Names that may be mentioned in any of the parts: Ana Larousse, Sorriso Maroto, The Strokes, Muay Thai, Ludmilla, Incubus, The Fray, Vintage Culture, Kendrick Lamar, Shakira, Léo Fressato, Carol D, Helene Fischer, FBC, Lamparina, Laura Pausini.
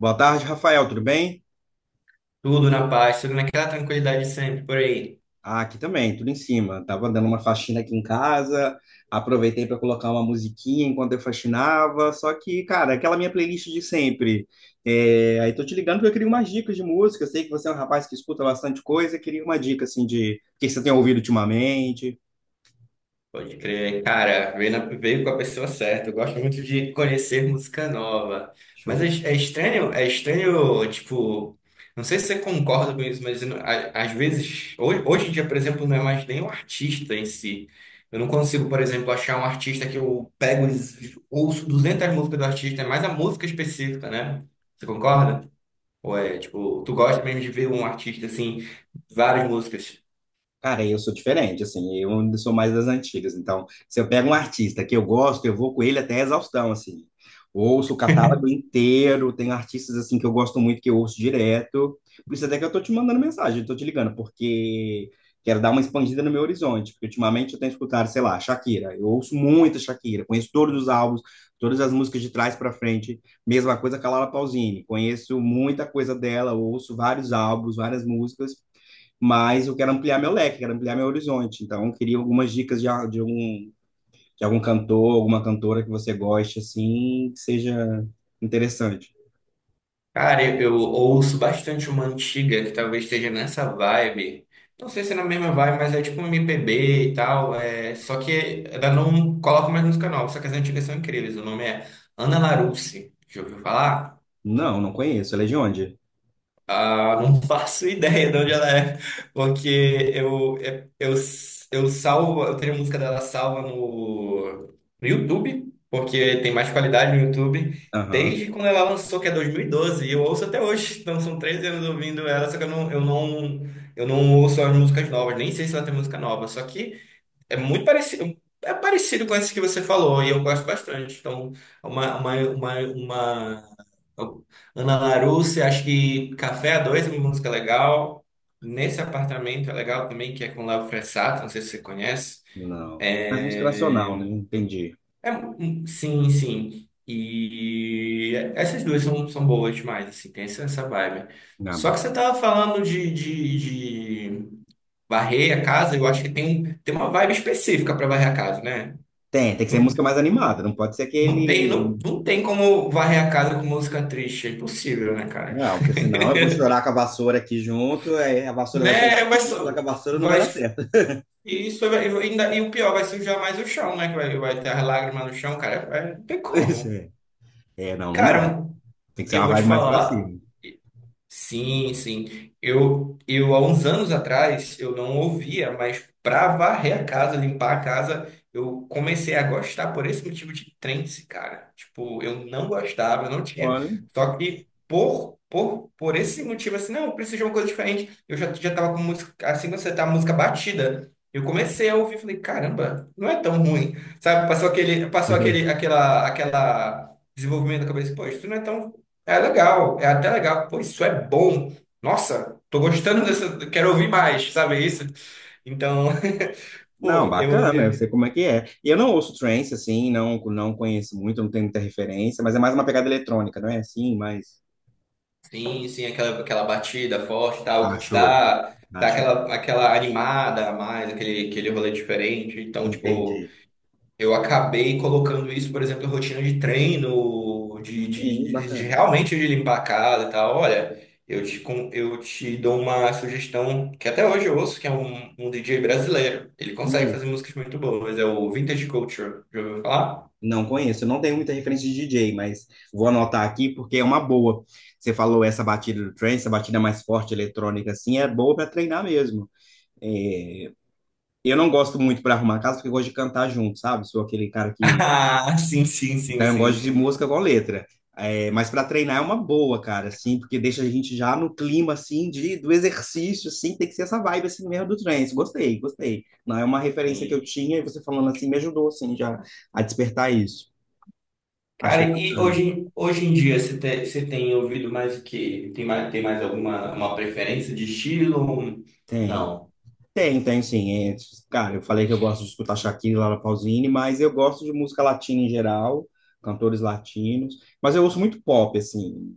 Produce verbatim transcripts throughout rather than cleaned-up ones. Boa tarde, Rafael, tudo bem? Tudo na paz, tudo naquela tranquilidade sempre por aí. Ah, aqui também, tudo em cima. Tava dando uma faxina aqui em casa, aproveitei para colocar uma musiquinha enquanto eu faxinava, só que, cara, aquela minha playlist de sempre. É, aí tô te ligando porque eu queria umas dicas de música, eu sei que você é um rapaz que escuta bastante coisa, eu queria uma dica, assim, de o que você tem ouvido ultimamente. Pode crer, cara, veio, na- veio com a pessoa certa. Eu gosto muito de conhecer música nova. Mas Show. é, é estranho, é estranho, tipo, não sei se você concorda com isso, mas eu não- a- às vezes, hoje, hoje em dia, por exemplo, não é mais nem o artista em si. Eu não consigo, por exemplo, achar um artista que eu pego e ouço duzentas músicas do artista, é mais a música específica, né? Você concorda? Ou é, tipo, tu gosta mesmo de ver um artista assim, várias músicas? Cara, eu sou diferente, assim, eu ainda sou mais das antigas. Então, se eu pego um artista que eu gosto, eu vou com ele até a exaustão, assim. Ouço o catálogo inteiro, tem artistas, assim, que eu gosto muito, que eu ouço direto. Por isso até que eu tô te mandando mensagem, tô te ligando, porque quero dar uma expandida no meu horizonte. Porque ultimamente eu tenho escutado, sei lá, Shakira. Eu ouço muita Shakira, conheço todos os álbuns, todas as músicas de trás para frente. Mesma coisa com a Laura Pausini, conheço muita coisa dela, ouço vários álbuns, várias músicas, mas eu quero ampliar meu leque, quero ampliar meu horizonte. Então, eu queria algumas dicas de, a- de algum, de algum cantor, alguma cantora que você goste, assim, que seja interessante. Cara, eu, eu ouço bastante uma antiga que talvez esteja nessa vibe. Não sei se é na mesma vibe, mas é tipo um M P B e tal. É, só que ela não coloca mais música nova, só que as antigas são incríveis. O nome é Ana Larousse. Já ouviu falar? Não, não conheço. Ela é de onde? Ah, não faço ideia de onde ela é, porque eu, eu, eu salvo, eu tenho a música dela salva no, no YouTube, porque tem mais qualidade no YouTube, Aham, desde quando ela lançou, que é dois mil e doze e eu ouço até hoje, então são treze anos ouvindo ela, só que eu não, eu não, eu não ouço as músicas novas, nem sei se ela tem música nova, só que é muito parecido, é parecido com esses que você falou, e eu gosto bastante. Então, uma, uma, uma, uma... Ana Larousse, acho que Café a Dois é uma música legal. Nesse apartamento é legal também, que é com Léo Fressato, não sei se você conhece. não. Mas música É, nacional, né? Entendi. é, hum, sim, sim. E essas duas são, são boas demais, assim, tem essa, essa vibe. Ah, Só que bacana. você tava falando de, de, de varrer a casa, eu acho que tem, um, tem uma vibe específica para varrer a casa, né? Tem, tem que ser Não, música mais animada, não, não pode ser não tem, aquele. não, não tem como varrer a casa com música triste. É impossível, né, cara? Não, porque senão eu vou chorar com a vassoura aqui junto, aí a vassoura vai chorar Né, comigo, vai eu vou chorar com a só, vassoura, não vai vai, dar certo. e isso vai, e ainda, e o pior, vai sujar mais o chão, né? Que vai, vai ter as lágrimas no chão, cara. Vai- não tem Pois como. é. É, não, não dá. Cara, Tem que ser eu uma vou te vibe mais pra falar. cima. Sim, sim. Eu, eu, há uns anos atrás, eu não ouvia, mas para varrer a casa, limpar a casa, eu comecei a gostar por esse motivo de trance, cara. Tipo, eu não gostava, eu não tinha. Olha. Só que por, por, por esse motivo, assim, não, eu preciso de uma coisa diferente. Eu já, já tava com música, assim, quando você tá música batida, eu comecei a ouvir, falei, caramba, não é tão ruim. Sabe, passou aquele, passou aquele, aquela, aquela desenvolvimento da cabeça, pô, isso não é tão é legal, é até legal. Pô, isso é bom. Nossa, tô gostando dessa. Quero ouvir mais, sabe isso? Então, Não, pô, eu, bacana, eu eu- sei como é que é. E eu não ouço trance, assim, não, não conheço muito, não tenho muita referência, mas é mais uma pegada eletrônica, não é assim? Mas. Sim, sim, aquela, aquela batida forte e tal, Ah, que te show. dá, Ah, dá show. aquela, aquela animada a mais, aquele, aquele rolê diferente. Então, tipo. Entendi. Eu acabei colocando isso, por exemplo, em rotina de treino, de, de, Sim, de- de bacana. realmente de limpar a casa e tal. Olha, eu te, con- eu te dou uma sugestão que até hoje eu ouço, que é um, um D J brasileiro. Ele consegue Hum, fazer músicas muito boas, é o Vintage Culture. Já ouviu falar? não conheço, eu não tenho muita referência de D J, mas vou anotar aqui porque é uma boa. Você falou essa batida do trance, essa batida mais forte eletrônica, assim, é boa para treinar mesmo. É, eu não gosto muito para arrumar a casa porque eu gosto de cantar junto, sabe? Sou aquele cara. Ah, sim, sim, sim, Então, eu sim, gosto de sim, música com letra. É, mas para treinar é uma boa, cara, assim, porque deixa a gente já no clima, assim, de, do exercício, assim, tem que ser essa vibe, assim, mesmo do trance. Gostei, gostei. Não é uma referência que eu sim. tinha e você falando assim me ajudou, assim, já a despertar isso. Cara, Achei e bacana. hoje, hoje em dia você tem, você tem ouvido mais o quê? Tem mais, tem mais alguma uma preferência de estilo? Tem. Não. Tem, tem sim. É, cara, eu falei que eu gosto de escutar Shakira, Laura Pausini, mas eu gosto de música latina em geral, cantores latinos. Mas eu ouço muito pop, assim.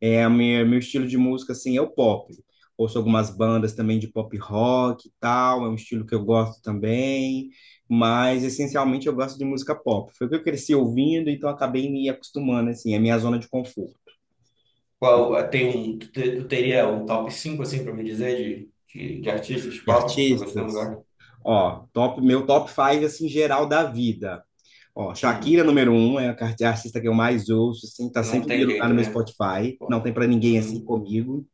É, a minha, meu estilo de música, assim, é o pop. Ouço algumas bandas também de pop rock e tal, é um estilo que eu gosto também. Mas, essencialmente, eu gosto de música pop. Foi o que eu cresci ouvindo, então acabei me acostumando, assim, é a minha zona de conforto. Qual, tem um, tu te- Tu teria um top cinco assim, pra me dizer de, de, de artistas De pop que tu tá gostando artistas, agora? ó, top, meu top five assim, geral da vida. Ó, Hum, Shakira, número um, é a car- a artista que eu mais ouço, assim, tá não sempre em tem primeiro lugar jeito, no meu né? Spotify, não Pô, tem pra ninguém assim uhum, comigo.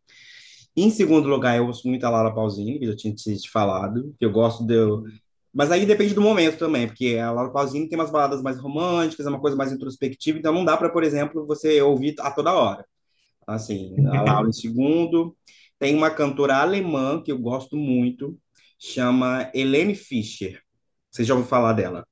Em segundo lugar, eu ouço muito a Laura Pausini, que eu já tinha te te falado, que eu gosto de... uhum. Mas aí depende do momento também, porque a Laura Pausini tem umas baladas mais românticas, é uma coisa mais introspectiva, então não dá pra, por exemplo, você ouvir a toda hora. Assim, a Laura em segundo. Tem uma cantora alemã que eu gosto muito, chama Helene Fischer. Você já ouviu falar dela?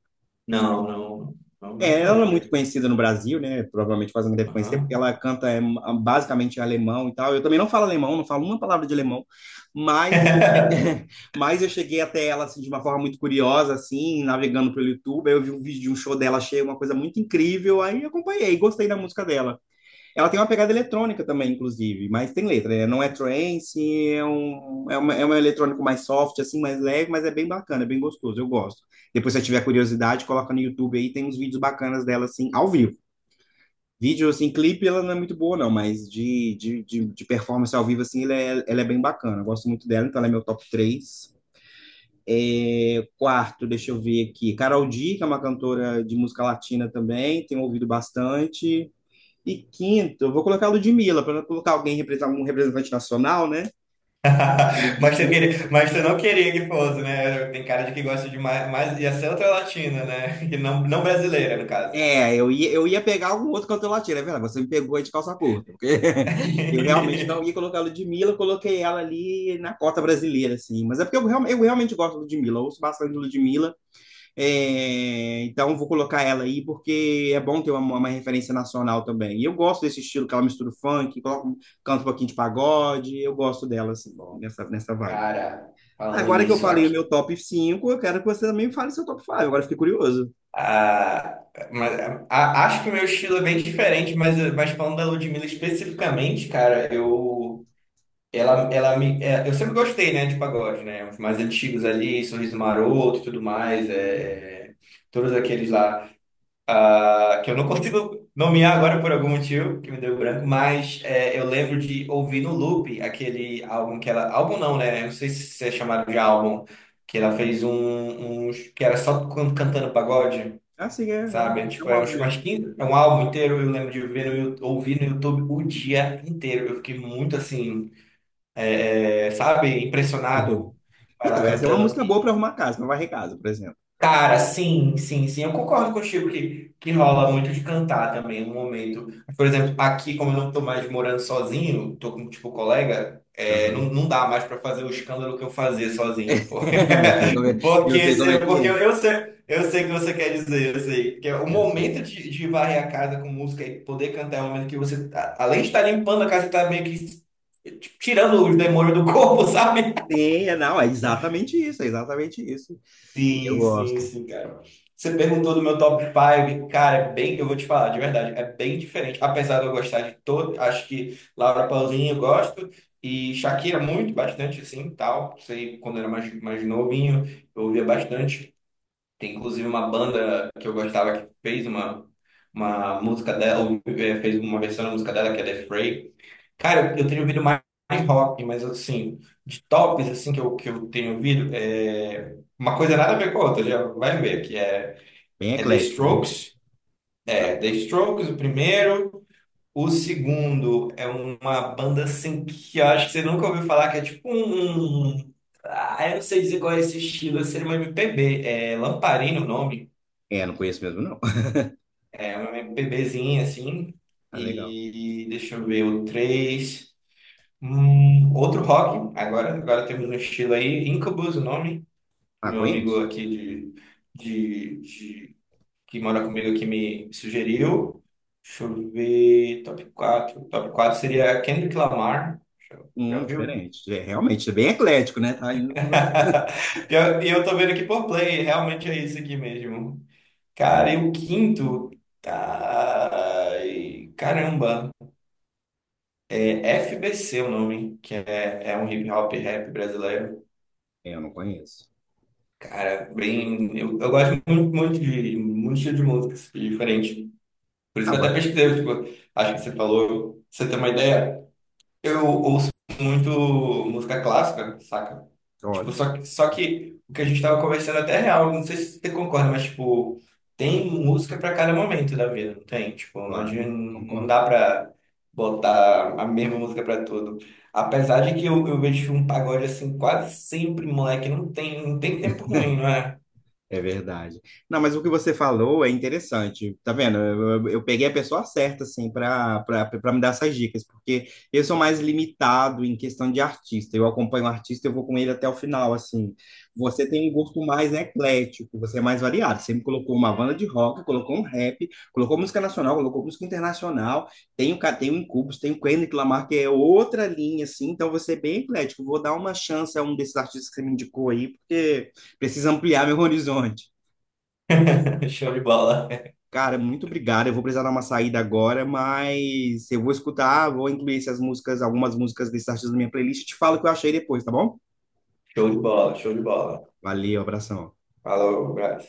Não, não, não, É, nunca ela é muito lembro. conhecida no Brasil, né? Provavelmente quase não deve conhecer, porque Aham. ela canta é, ah, basicamente em alemão e tal. Eu também não falo alemão, não falo uma palavra de alemão, mas eu cheguei, mas eu cheguei até ela assim, de uma forma muito curiosa, assim, navegando pelo YouTube. Aí eu vi um vídeo de um show dela, achei uma coisa muito incrível, aí acompanhei, gostei da música dela. Ela tem uma pegada eletrônica também, inclusive, mas tem letra, né? Não é trance, é um, é uma, é um eletrônico mais soft, assim, mais leve, mas é bem bacana, é bem gostoso, eu gosto. Depois, se você tiver curiosidade, coloca no YouTube aí, tem uns vídeos bacanas dela, assim, ao vivo. Vídeo, assim, clipe, ela não é muito boa, não, mas de, de, de, de performance ao vivo, assim, ela é, ela é bem bacana. Eu gosto muito dela, então ela é meu top três. É, quarto, deixa eu ver aqui, Carol D, que é uma cantora de música latina também, tenho ouvido bastante. E quinto, eu vou colocar a Ludmilla, para não colocar alguém represent- um representante nacional, né? Mas tu Ludmilla. queria, mas tu não queria que fosse, né? Tem cara de que gosta de mais, mais ia ser outra latina, né? Que não, não brasileira, no caso. É, eu ia, eu ia pegar algum outro cantor latino, é verdade, você me pegou aí de calça curta, porque eu realmente não ia colocar a Ludmilla, eu coloquei ela ali na cota brasileira, assim, mas é porque eu, real- eu realmente gosto da Ludmilla, eu ouço bastante de Ludmilla, é, então eu vou colocar ela aí, porque é bom ter uma, uma referência nacional também, e eu gosto desse estilo que ela mistura o funk, coloca, um, canta um pouquinho de pagode, eu gosto dela, assim, Bom, nessa, nessa vibe. cara, falando Agora que eu nisso, falei o aqui, meu top cinco, eu quero que você também fale seu top cinco. Agora eu fiquei curioso. Ah, mas, a- acho que o meu estilo é bem diferente, mas, mas, falando da Ludmilla especificamente, cara, eu, ela, ela me, é, eu sempre gostei, né, de pagode, né, os mais antigos ali, Sorriso Maroto e tudo mais, é, todos aqueles lá, ah, que eu não consigo nomear agora por algum motivo, que me deu branco, mas é, eu lembro de ouvir no loop aquele álbum que ela, álbum não, né, eu não sei se é chamado de álbum, que ela fez um, uns- que era só can- cantando pagode. É Assim, é, é um, Sabe? É, é Tipo, um é álbum acho que umas mesmo. quinze, é um álbum inteiro, eu lembro de ver no, Yu- ouvir no YouTube o dia inteiro. Eu fiquei muito assim, é, sabe, impressionado com ela Então, essa é uma cantando. música boa para arrumar casa, para varrer casa, por exemplo. Cara, sim, sim, sim. Eu concordo contigo que, que rola muito de cantar também um momento. Por exemplo, aqui, como eu não tô mais morando sozinho, tô com, tipo, colega, é, não, Aham. não dá mais pra fazer o escândalo que eu fazia sozinho, pô. Eu sei como é, eu Porque, sei como se- é que porque eu, é. eu sei, eu sei o que você quer dizer, eu sei. Que é o Eu sei. momento de, de varrer a casa com música e poder cantar é o momento que você, tá- além de estar limpando a casa, você tá meio que tipo, tirando os demônios do corpo, sabe? Tem, é, não, é exatamente isso, é exatamente isso. Eu Sim, sim, gosto. sim, cara. Você perguntou do meu top cinco, cara, é bem, eu vou te falar, de verdade, é bem diferente. Apesar de eu gostar de todo, acho que Laura Pausini eu gosto, e Shakira muito, bastante, assim, tal. Sei, quando eu era mais, mais novinho, eu ouvia bastante. Tem inclusive uma banda que eu gostava que fez uma, uma música dela, ou, eh, fez uma versão da música dela, que é The Fray. Cara, eu, eu tenho ouvido mais mais rock, mas assim, de tops assim que eu, que eu tenho ouvido, é uma coisa nada a ver com a outra, já vai ver, que é, Bem é The eclético, né? Strokes, é Ah, The Strokes o primeiro, o segundo é uma banda assim que eu acho que você nunca ouviu falar, que é tipo um... um- um, Ah, eu não sei dizer qual é esse estilo, seria uma M P B, é Lamparina o nome, é, não conheço mesmo, não. é uma MPBzinha assim, Tá legal. e deixa eu ver, o três. Hum, outro rock, agora, agora temos um estilo aí, Incubus, o nome, que Ah, meu amigo conheço? aqui de, de, de- que mora comigo aqui me sugeriu. Deixa eu ver, top quatro, Top quatro seria Kendrick Lamar, já, já Hum, viu? diferente. É, realmente, é bem eclético, né? Tá indo pra você. E eu, e eu tô vendo aqui por play, realmente é isso aqui mesmo. Cara, e o quinto, ai, caramba, é F B C o nome, que é, é um hip hop rap brasileiro. É, eu não conheço. Bem, eu, eu gosto muito, muito de muito estilo de música assim, diferente. Por isso Ah, que eu até bacana. pesquisei, tipo, acho que você falou, pra você ter uma ideia. Eu ouço muito música clássica, saca? Tipo, Olha, só que, só que o que a gente tava conversando até é real, não sei se você concorda, mas tipo, tem música pra cada momento da vida, não tem? Tipo, não, adianta, claro, não concordo. dá pra botar a mesma música pra tudo. Apesar de que eu, eu vejo um pagode assim quase sempre, moleque, não tem, não tem tempo ruim, não é? É verdade. Não, mas o que você falou é interessante. Tá vendo? Eu, eu- eu peguei a pessoa certa, assim, para para me dar essas dicas, porque eu sou mais limitado em questão de artista. Eu acompanho o artista, eu vou com ele até o final, assim. Você tem um gosto mais eclético, você é mais variado. Você me colocou uma banda de rock, colocou um rap, colocou música nacional, colocou música internacional. Tem o, Ca- tem o Incubus, tem o Kendrick Lamar, que é outra linha, assim. Então, você é bem eclético. Vou dar uma chance a um desses artistas que você me indicou aí, porque preciso ampliar meu horizonte. Show de bola. Cara, muito obrigado. Eu vou precisar dar uma saída agora, mas eu vou escutar, vou incluir essas músicas, algumas músicas desses artistas na minha playlist e te falo o que eu achei depois, tá bom? Show de bola, show de bola. Valeu, abração. Falou, Brás.